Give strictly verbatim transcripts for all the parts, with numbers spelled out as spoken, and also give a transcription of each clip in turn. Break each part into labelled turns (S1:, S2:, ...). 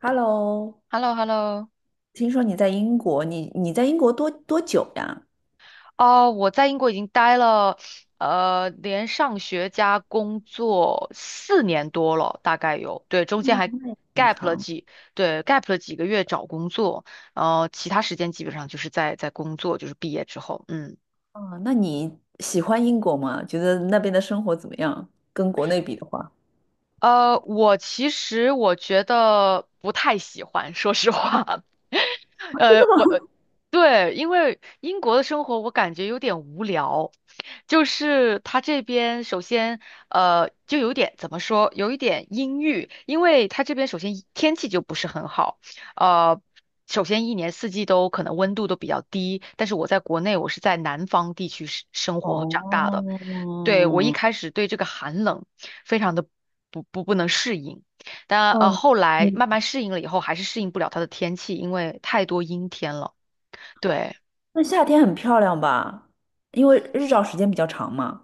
S1: Hello，
S2: h e l l o h e l l o。
S1: 听说你在英国，你你在英国多多久呀？
S2: 哦，我在英国已经待了，呃，连上学加工作四年多了，大概有，对，中间还
S1: 很
S2: gap 了
S1: 长。
S2: 几，对，gap 了几个月找工作，呃，其他时间基本上就是在在工作，就是毕业之后，嗯。
S1: 啊，那你喜欢英国吗？觉得那边的生活怎么样？跟国内比的话，
S2: 呃，我其实我觉得不太喜欢，说实话。
S1: 啊真
S2: 呃，
S1: 的
S2: 我
S1: 吗？
S2: 对，因为英国的生活我感觉有点无聊，就是他这边首先呃就有点怎么说，有一点阴郁，因为他这边首先一天气就不是很好，呃。首先，一年四季都可能温度都比较低，但是我在国内，我是在南方地区生生 活和长大的，对，我一
S1: 哦，
S2: 开始对这个寒冷非常的不不不能适应，但呃
S1: 嗯
S2: 后来
S1: 嗯，
S2: 慢慢适应了以后，还是适应不了它的天气，因为太多阴天了。对，
S1: 那夏天很漂亮吧？因为日照时间比较长嘛，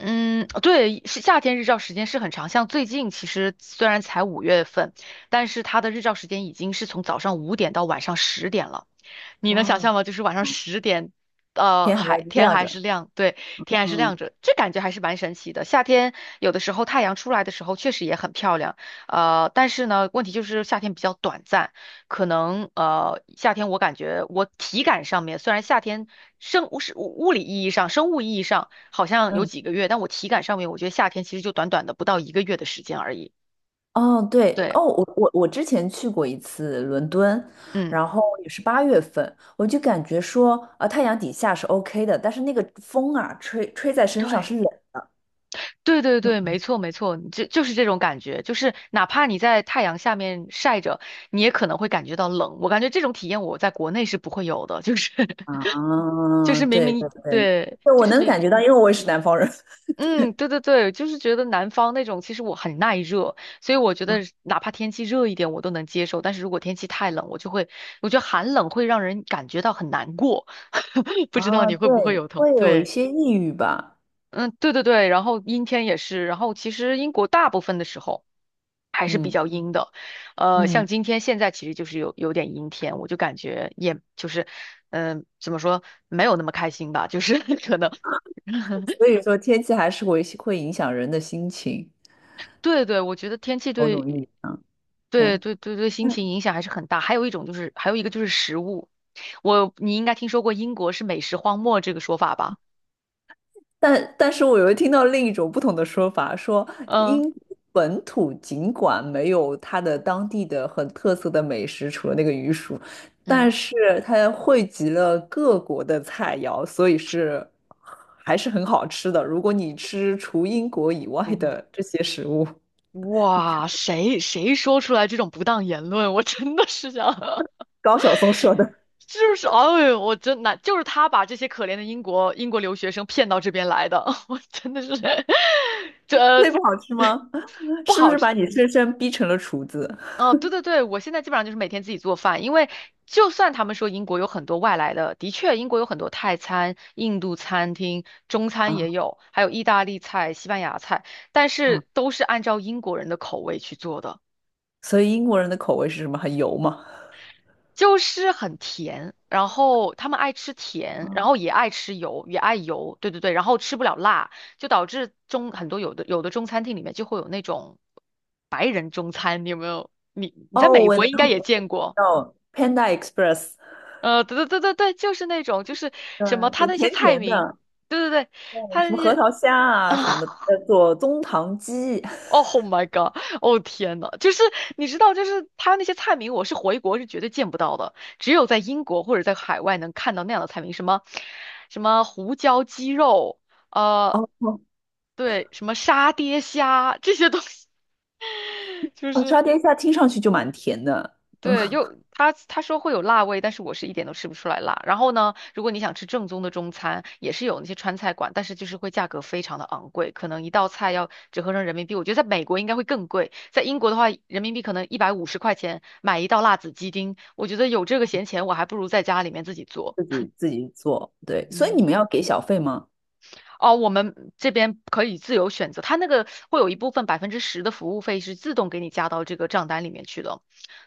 S2: 嗯，对，是夏天日照时间是很长，像最近其实虽然才五月份，但是它的日照时间已经是从早上五点到晚上十点了。你能想
S1: 哇，
S2: 象吗？就是晚上十点，呃，
S1: 天还
S2: 还天
S1: 亮
S2: 还
S1: 着。
S2: 是亮，对，天还是亮
S1: 嗯，
S2: 着，这感觉还是蛮神奇的。夏天有的时候太阳出来的时候确实也很漂亮，呃，但是呢，问题就是夏天比较短暂，可能呃，夏天我感觉我体感上面虽然夏天生物是物物理意义上、生物意义上好像有
S1: 嗯。
S2: 几个月，但我体感上面我觉得夏天其实就短短的不到一个月的时间而已。
S1: 哦，对，
S2: 对，
S1: 哦，我我我之前去过一次伦敦，
S2: 嗯，
S1: 然后也是八月份，我就感觉说，呃，太阳底下是 OK 的，但是那个风啊，吹吹在身上是
S2: 对。
S1: 冷的。
S2: 对对对，没错没错，就就是这种感觉，就是哪怕你在太阳下面晒着，你也可能会感觉到冷。我感觉这种体验我在国内是不会有的，就是 就
S1: 啊，
S2: 是明
S1: 对对
S2: 明
S1: 对，
S2: 对，
S1: 对，
S2: 就
S1: 我
S2: 是
S1: 能感
S2: 明
S1: 觉到，因为我也是南方人。
S2: 嗯，嗯对对对，就是觉得南方那种其实我很耐热，所以我觉得 哪怕天气热一点我都能接受，但是如果天气太冷，我就会我觉得寒冷会让人感觉到很难过，不知道
S1: 啊，
S2: 你会不会
S1: 对，
S2: 有同
S1: 会有一
S2: 对。
S1: 些抑郁吧，
S2: 嗯，对对对，然后阴天也是，然后其实英国大部分的时候还是比
S1: 嗯
S2: 较阴的，呃，像
S1: 嗯，
S2: 今天现在其实就是有有点阴天，我就感觉也就是，嗯、怎么说没有那么开心吧，就是 可能，
S1: 所以说天气还是会会影响人的心情，
S2: 对对，我觉得天气
S1: 某
S2: 对
S1: 种意义上，对。
S2: 对对对对心情
S1: 嗯。
S2: 影响还是很大，还有一种就是还有一个就是食物，我你应该听说过英国是美食荒漠这个说法吧？
S1: 但但是我又听到另一种不同的说法，说英
S2: 嗯
S1: 国本土尽管没有它的当地的很特色的美食，除了那个鱼薯，
S2: 嗯。
S1: 但是它汇集了各国的菜肴，所以是还是很好吃的。如果你吃除英国以外的这些食物，
S2: 哇，谁谁说出来这种不当言论，我真的是想，
S1: 高晓松说的
S2: 就是哎，呦，我真难，就是他把这些可怜的英国英国留学生骗到这边来的，我真的是 这
S1: 那不好吃吗？
S2: 不
S1: 是不
S2: 好
S1: 是把
S2: 吃。
S1: 你深深逼成了厨子
S2: 哦，对对对，我现在基本上就是每天自己做饭，因为就算他们说英国有很多外来的，的确英国有很多泰餐、印度餐厅、中餐
S1: 啊
S2: 也有，还有意大利菜、西班牙菜，但
S1: 啊？
S2: 是都是按照英国人的口味去做的。
S1: 所以英国人的口味是什么？很油吗？
S2: 就是很甜，然后他们爱吃甜，然
S1: 啊
S2: 后也爱吃油，也爱油，对对对，然后吃不了辣，就导致中很多有的有的中餐厅里面就会有那种白人中餐，你有没有？你你在
S1: 哦，
S2: 美
S1: 我
S2: 国
S1: 能
S2: 应该也见过，
S1: 哦 Panda Express，
S2: 呃，对对对对对，就是那种就是什么
S1: 嗯，
S2: 他
S1: 对，
S2: 那些
S1: 甜
S2: 菜
S1: 甜
S2: 名，
S1: 的，
S2: 对对对，他
S1: 什么
S2: 那
S1: 核
S2: 些。
S1: 桃虾啊什么的，叫做中糖鸡，
S2: 哦，Oh my god！哦天呐，就是你知道，就是他那些菜名，我是回国是绝对见不到的，只有在英国或者在海外能看到那样的菜名，什么什么胡椒鸡肉，呃，
S1: 哦，
S2: 对，什么沙爹虾这些东西，就
S1: 哦
S2: 是
S1: 沙爹虾听上去就蛮甜的，嗯，
S2: 对，又他他说会有辣味，但是我是一点都吃不出来辣。然后呢，如果你想吃正宗的中餐，也是有那些川菜馆，但是就是会价格非常的昂贵，可能一道菜要折合成人民币，我觉得在美国应该会更贵，在英国的话，人民币可能一百五十块钱买一道辣子鸡丁，我觉得有这个闲钱，我还不如在家里面自己做。
S1: 自己自己做，对，所以
S2: 嗯。
S1: 你们要给小费吗？
S2: 哦，我们这边可以自由选择，它那个会有一部分百分之十的服务费是自动给你加到这个账单里面去的，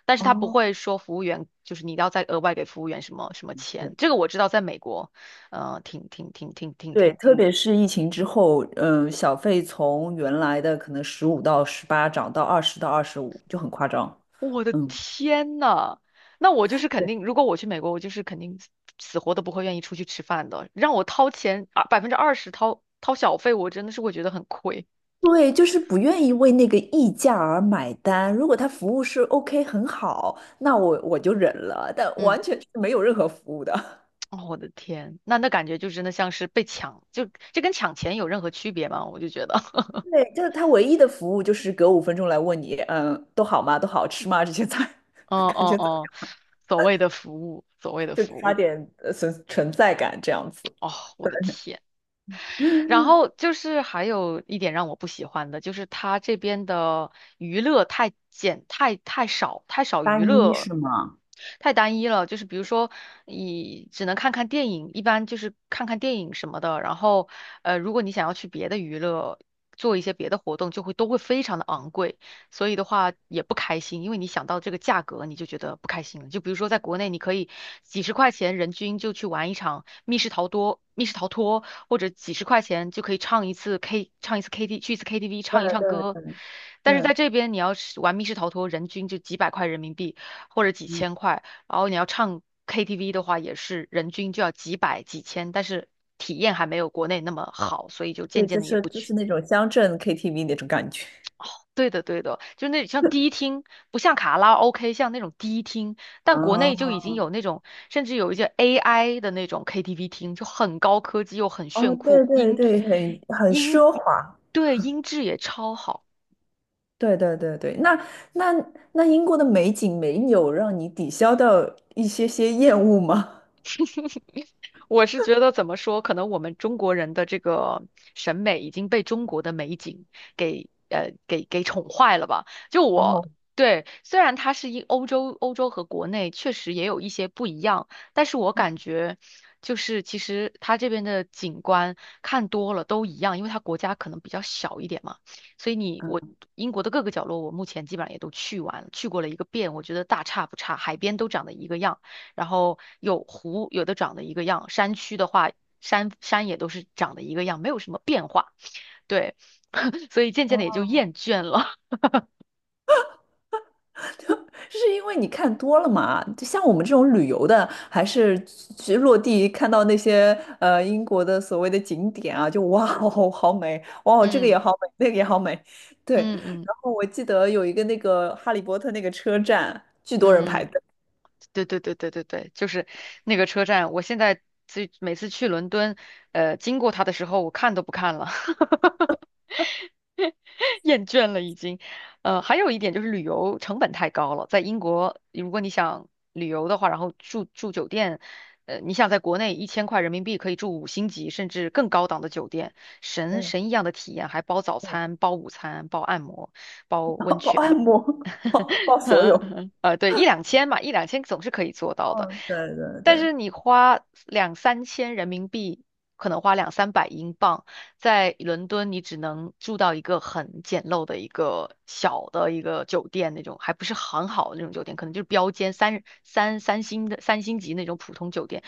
S2: 但是它不会说服务员就是你要再额外给服务员什么什么
S1: 对，
S2: 钱。这个我知道，在美国，呃，挺挺挺挺挺
S1: 对，
S2: 挺挺，
S1: 特别是疫情之后，嗯，小费从原来的可能十五到十八涨到二十到二十五，就很夸张，
S2: 我的
S1: 嗯。
S2: 天呐，那我就是肯
S1: 对。
S2: 定，如果我去美国，我就是肯定死活都不会愿意出去吃饭的，让我掏钱啊百分之二十掏掏小费，我真的是会觉得很亏。
S1: 对，就是不愿意为那个溢价而买单。如果他服务是 OK 很好，那我我就忍了，但
S2: 嗯。
S1: 完全是没有任何服务的。
S2: 哦，我的天，那那感觉就真的像是被抢，就这跟抢钱有任何区别吗？我就觉得，
S1: 对，就是他唯一的服务就是隔五分钟来问你，嗯，都好吗？都好吃吗？这些菜
S2: 哦
S1: 感
S2: 哦
S1: 觉怎么
S2: 哦，
S1: 样？
S2: 所谓的服务，所谓的
S1: 就
S2: 服
S1: 刷
S2: 务，
S1: 点呃存存在感这样子。
S2: 哦，我的天。然后就是还有一点让我不喜欢的，就是他这边的娱乐太简，太太少，太少娱
S1: 单一
S2: 乐。
S1: 是吗？
S2: 太单一了，就是比如说，你只能看看电影，一般就是看看电影什么的。然后，呃，如果你想要去别的娱乐，做一些别的活动，就会都会非常的昂贵。所以的话也不开心，因为你想到这个价格，你就觉得不开心了。就比如说在国内，你可以几十块钱人均就去玩一场密室逃脱、密室逃脱，或者几十块钱就可以唱一次 K，唱一次 K T，去一次 K T V
S1: 对，
S2: 唱一唱
S1: 对
S2: 歌。
S1: 对
S2: 但是
S1: 对，
S2: 在这边，你要是玩密室逃脱，人均就几百块人民币或者几
S1: 嗯，
S2: 千块，然后你要唱 K T V 的话，也是人均就要几百几千，但是体验还没有国内那么好，所以就渐
S1: 对，
S2: 渐
S1: 就
S2: 的也
S1: 是
S2: 不
S1: 就
S2: 去。
S1: 是那种乡镇 K T V 那种感觉。
S2: 对的，对的，就那像迪厅，不像卡拉 OK，像那种迪厅，但国内就
S1: 啊，
S2: 已经有那种，甚至有一些 A I 的那种 K T V 厅，就很高科技又很
S1: 哦，
S2: 炫酷，
S1: 对对
S2: 音
S1: 对，很很
S2: 音
S1: 奢华，
S2: 对音质也超好。
S1: 对对对对，那那那英国的美景没有让你抵消掉一些些厌恶吗？
S2: 我是觉得怎么说，可能我们中国人的这个审美已经被中国的美景给呃给给宠坏了吧？就
S1: 哦，
S2: 我对，虽然它是一欧洲欧洲和国内确实也有一些不一样，但是我感觉就是其实它这边的景观看多了都一样，因为它国家可能比较小一点嘛，所以你我
S1: 嗯，
S2: 英国的各个角落我目前基本上也都去完了，去过了一个遍，我觉得大差不差，海边都长得一个样。然后有湖，有的长得一个样，山区的话，山山也都是长得一个样，没有什么变化。对，所以渐渐的也
S1: 哦，
S2: 就厌倦了。
S1: 是因为你看多了嘛？就像我们这种旅游的，还是去落地看到那些呃英国的所谓的景点啊，就哇哦好美，哇 哦这个
S2: 嗯
S1: 也好美，那个也好美，对。
S2: 嗯嗯
S1: 然后我记得有一个那个哈利波特那个车站，巨多人排
S2: 嗯，
S1: 队，
S2: 对对对对对对，就是那个车站，我现在最每次去伦敦，呃，经过它的时候，我看都不看了。厌倦了已经。呃，还有一点就是旅游成本太高了，在英国，如果你想旅游的话，然后住住酒店，呃，你想在国内一千块人民币可以住五星级甚至更高档的酒店，神
S1: 对，
S2: 神一样的体验，还包早餐、包午餐、包按摩、包温
S1: 报按
S2: 泉。
S1: 摩 报报所有。
S2: 呃，对，一两千嘛，一两千总是可以做到的。
S1: 嗯，对对
S2: 但
S1: 对，
S2: 是你花两三千人民币，可能花两三百英镑，在伦敦你只能住到一个很简陋的一个小的一个酒店那种，还不是很好的那种酒店，可能就是标间三三三星的三星级那种普通酒店，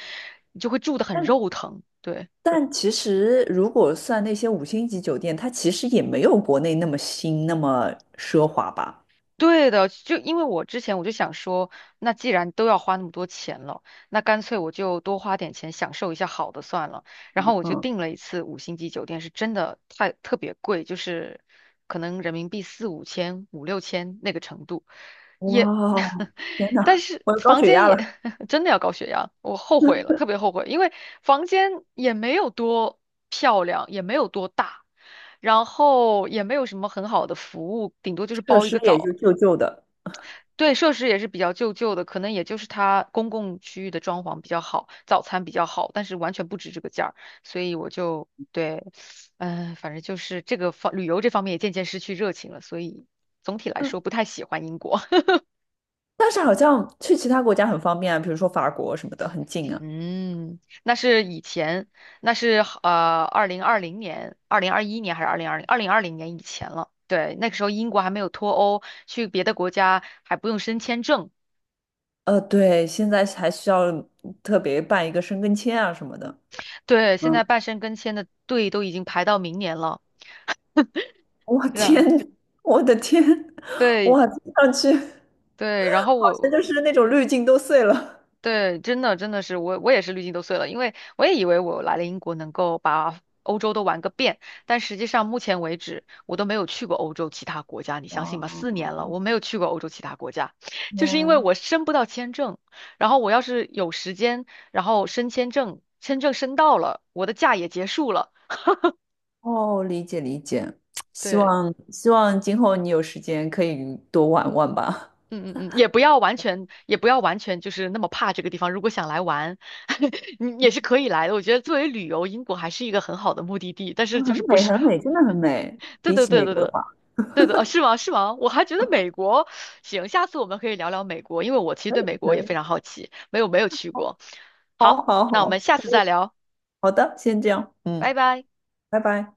S2: 你就会住得很肉疼。对。
S1: 但其实如果算那些五星级酒店，它其实也没有国内那么新，那么奢华吧。
S2: 对的，就因为我之前我就想说，那既然都要花那么多钱了，那干脆我就多花点钱享受一下好的算了。然后我就
S1: 嗯，
S2: 订了一次五星级酒店，是真的太特别贵，就是可能人民币四五千、五六千那个程度，也，
S1: 哇，天
S2: 但
S1: 哪，
S2: 是
S1: 我有高
S2: 房
S1: 血
S2: 间
S1: 压
S2: 也
S1: 了，
S2: 真的要高血压，我后悔了，特别后悔，因为房间也没有多漂亮，也没有多大。然后也没有什么很好的服务，顶多就是
S1: 设
S2: 包一个
S1: 施也就
S2: 澡，
S1: 旧旧的。
S2: 对，设施也是比较旧旧的，可能也就是它公共区域的装潢比较好，早餐比较好，但是完全不值这个价儿，所以我就对，嗯、反正就是这个方旅游这方面也渐渐失去热情了，所以总体来说不太喜欢英国。
S1: 但是好像去其他国家很方便啊，比如说法国什么的，很近啊。
S2: 嗯，那是以前，那是呃，二零二零年、二零二一年还是二零二零、二零二零年以前了。对，那个时候英国还没有脱欧，去别的国家还不用申签证。
S1: 呃，对，现在还需要特别办一个申根签啊什么的。
S2: 对，
S1: 嗯，
S2: 现在办申根签的队都已经排到明年了。
S1: 我
S2: 然，
S1: 天，我的天，
S2: 对
S1: 哇，听上去好
S2: 对，然后
S1: 像
S2: 我
S1: 就是那种滤镜都碎了。
S2: 对真的真的是我我也是滤镜都碎了，因为我也以为我来了英国能够把欧洲都玩个遍，但实际上目前为止我都没有去过欧洲其他国家，你相
S1: 哇，
S2: 信吗？四年了，我没有去过欧洲其他国家，就是因为
S1: 天！
S2: 我申不到签证，然后我要是有时间，然后申签证，签证申到了，我的假也结束了，
S1: 哦，理解理解，希
S2: 对。
S1: 望希望今后你有时间可以多玩玩吧。
S2: 嗯嗯嗯，也不要完全，也不要完全就是那么怕这个地方。如果想来玩，你也是可以来的。我觉得作为旅游，英国还是一个很好的目的地。但
S1: 哦
S2: 是就
S1: 很
S2: 是不
S1: 美，
S2: 是，
S1: 很美，真的很美。
S2: 对
S1: 比
S2: 对
S1: 起
S2: 对
S1: 美
S2: 对
S1: 国的
S2: 对，
S1: 话，
S2: 对的，啊是吗？是吗？我还觉得美国行，下次我们可以聊聊美国，因为我其实
S1: 可
S2: 对美
S1: 以
S2: 国也
S1: 可
S2: 非
S1: 以，
S2: 常好奇，没有没有去
S1: 好，
S2: 过。
S1: 好，
S2: 好，
S1: 好，
S2: 那我们
S1: 好，
S2: 下
S1: 可
S2: 次再
S1: 以，
S2: 聊，
S1: 好的，先这样，
S2: 拜
S1: 嗯，
S2: 拜。
S1: 拜拜。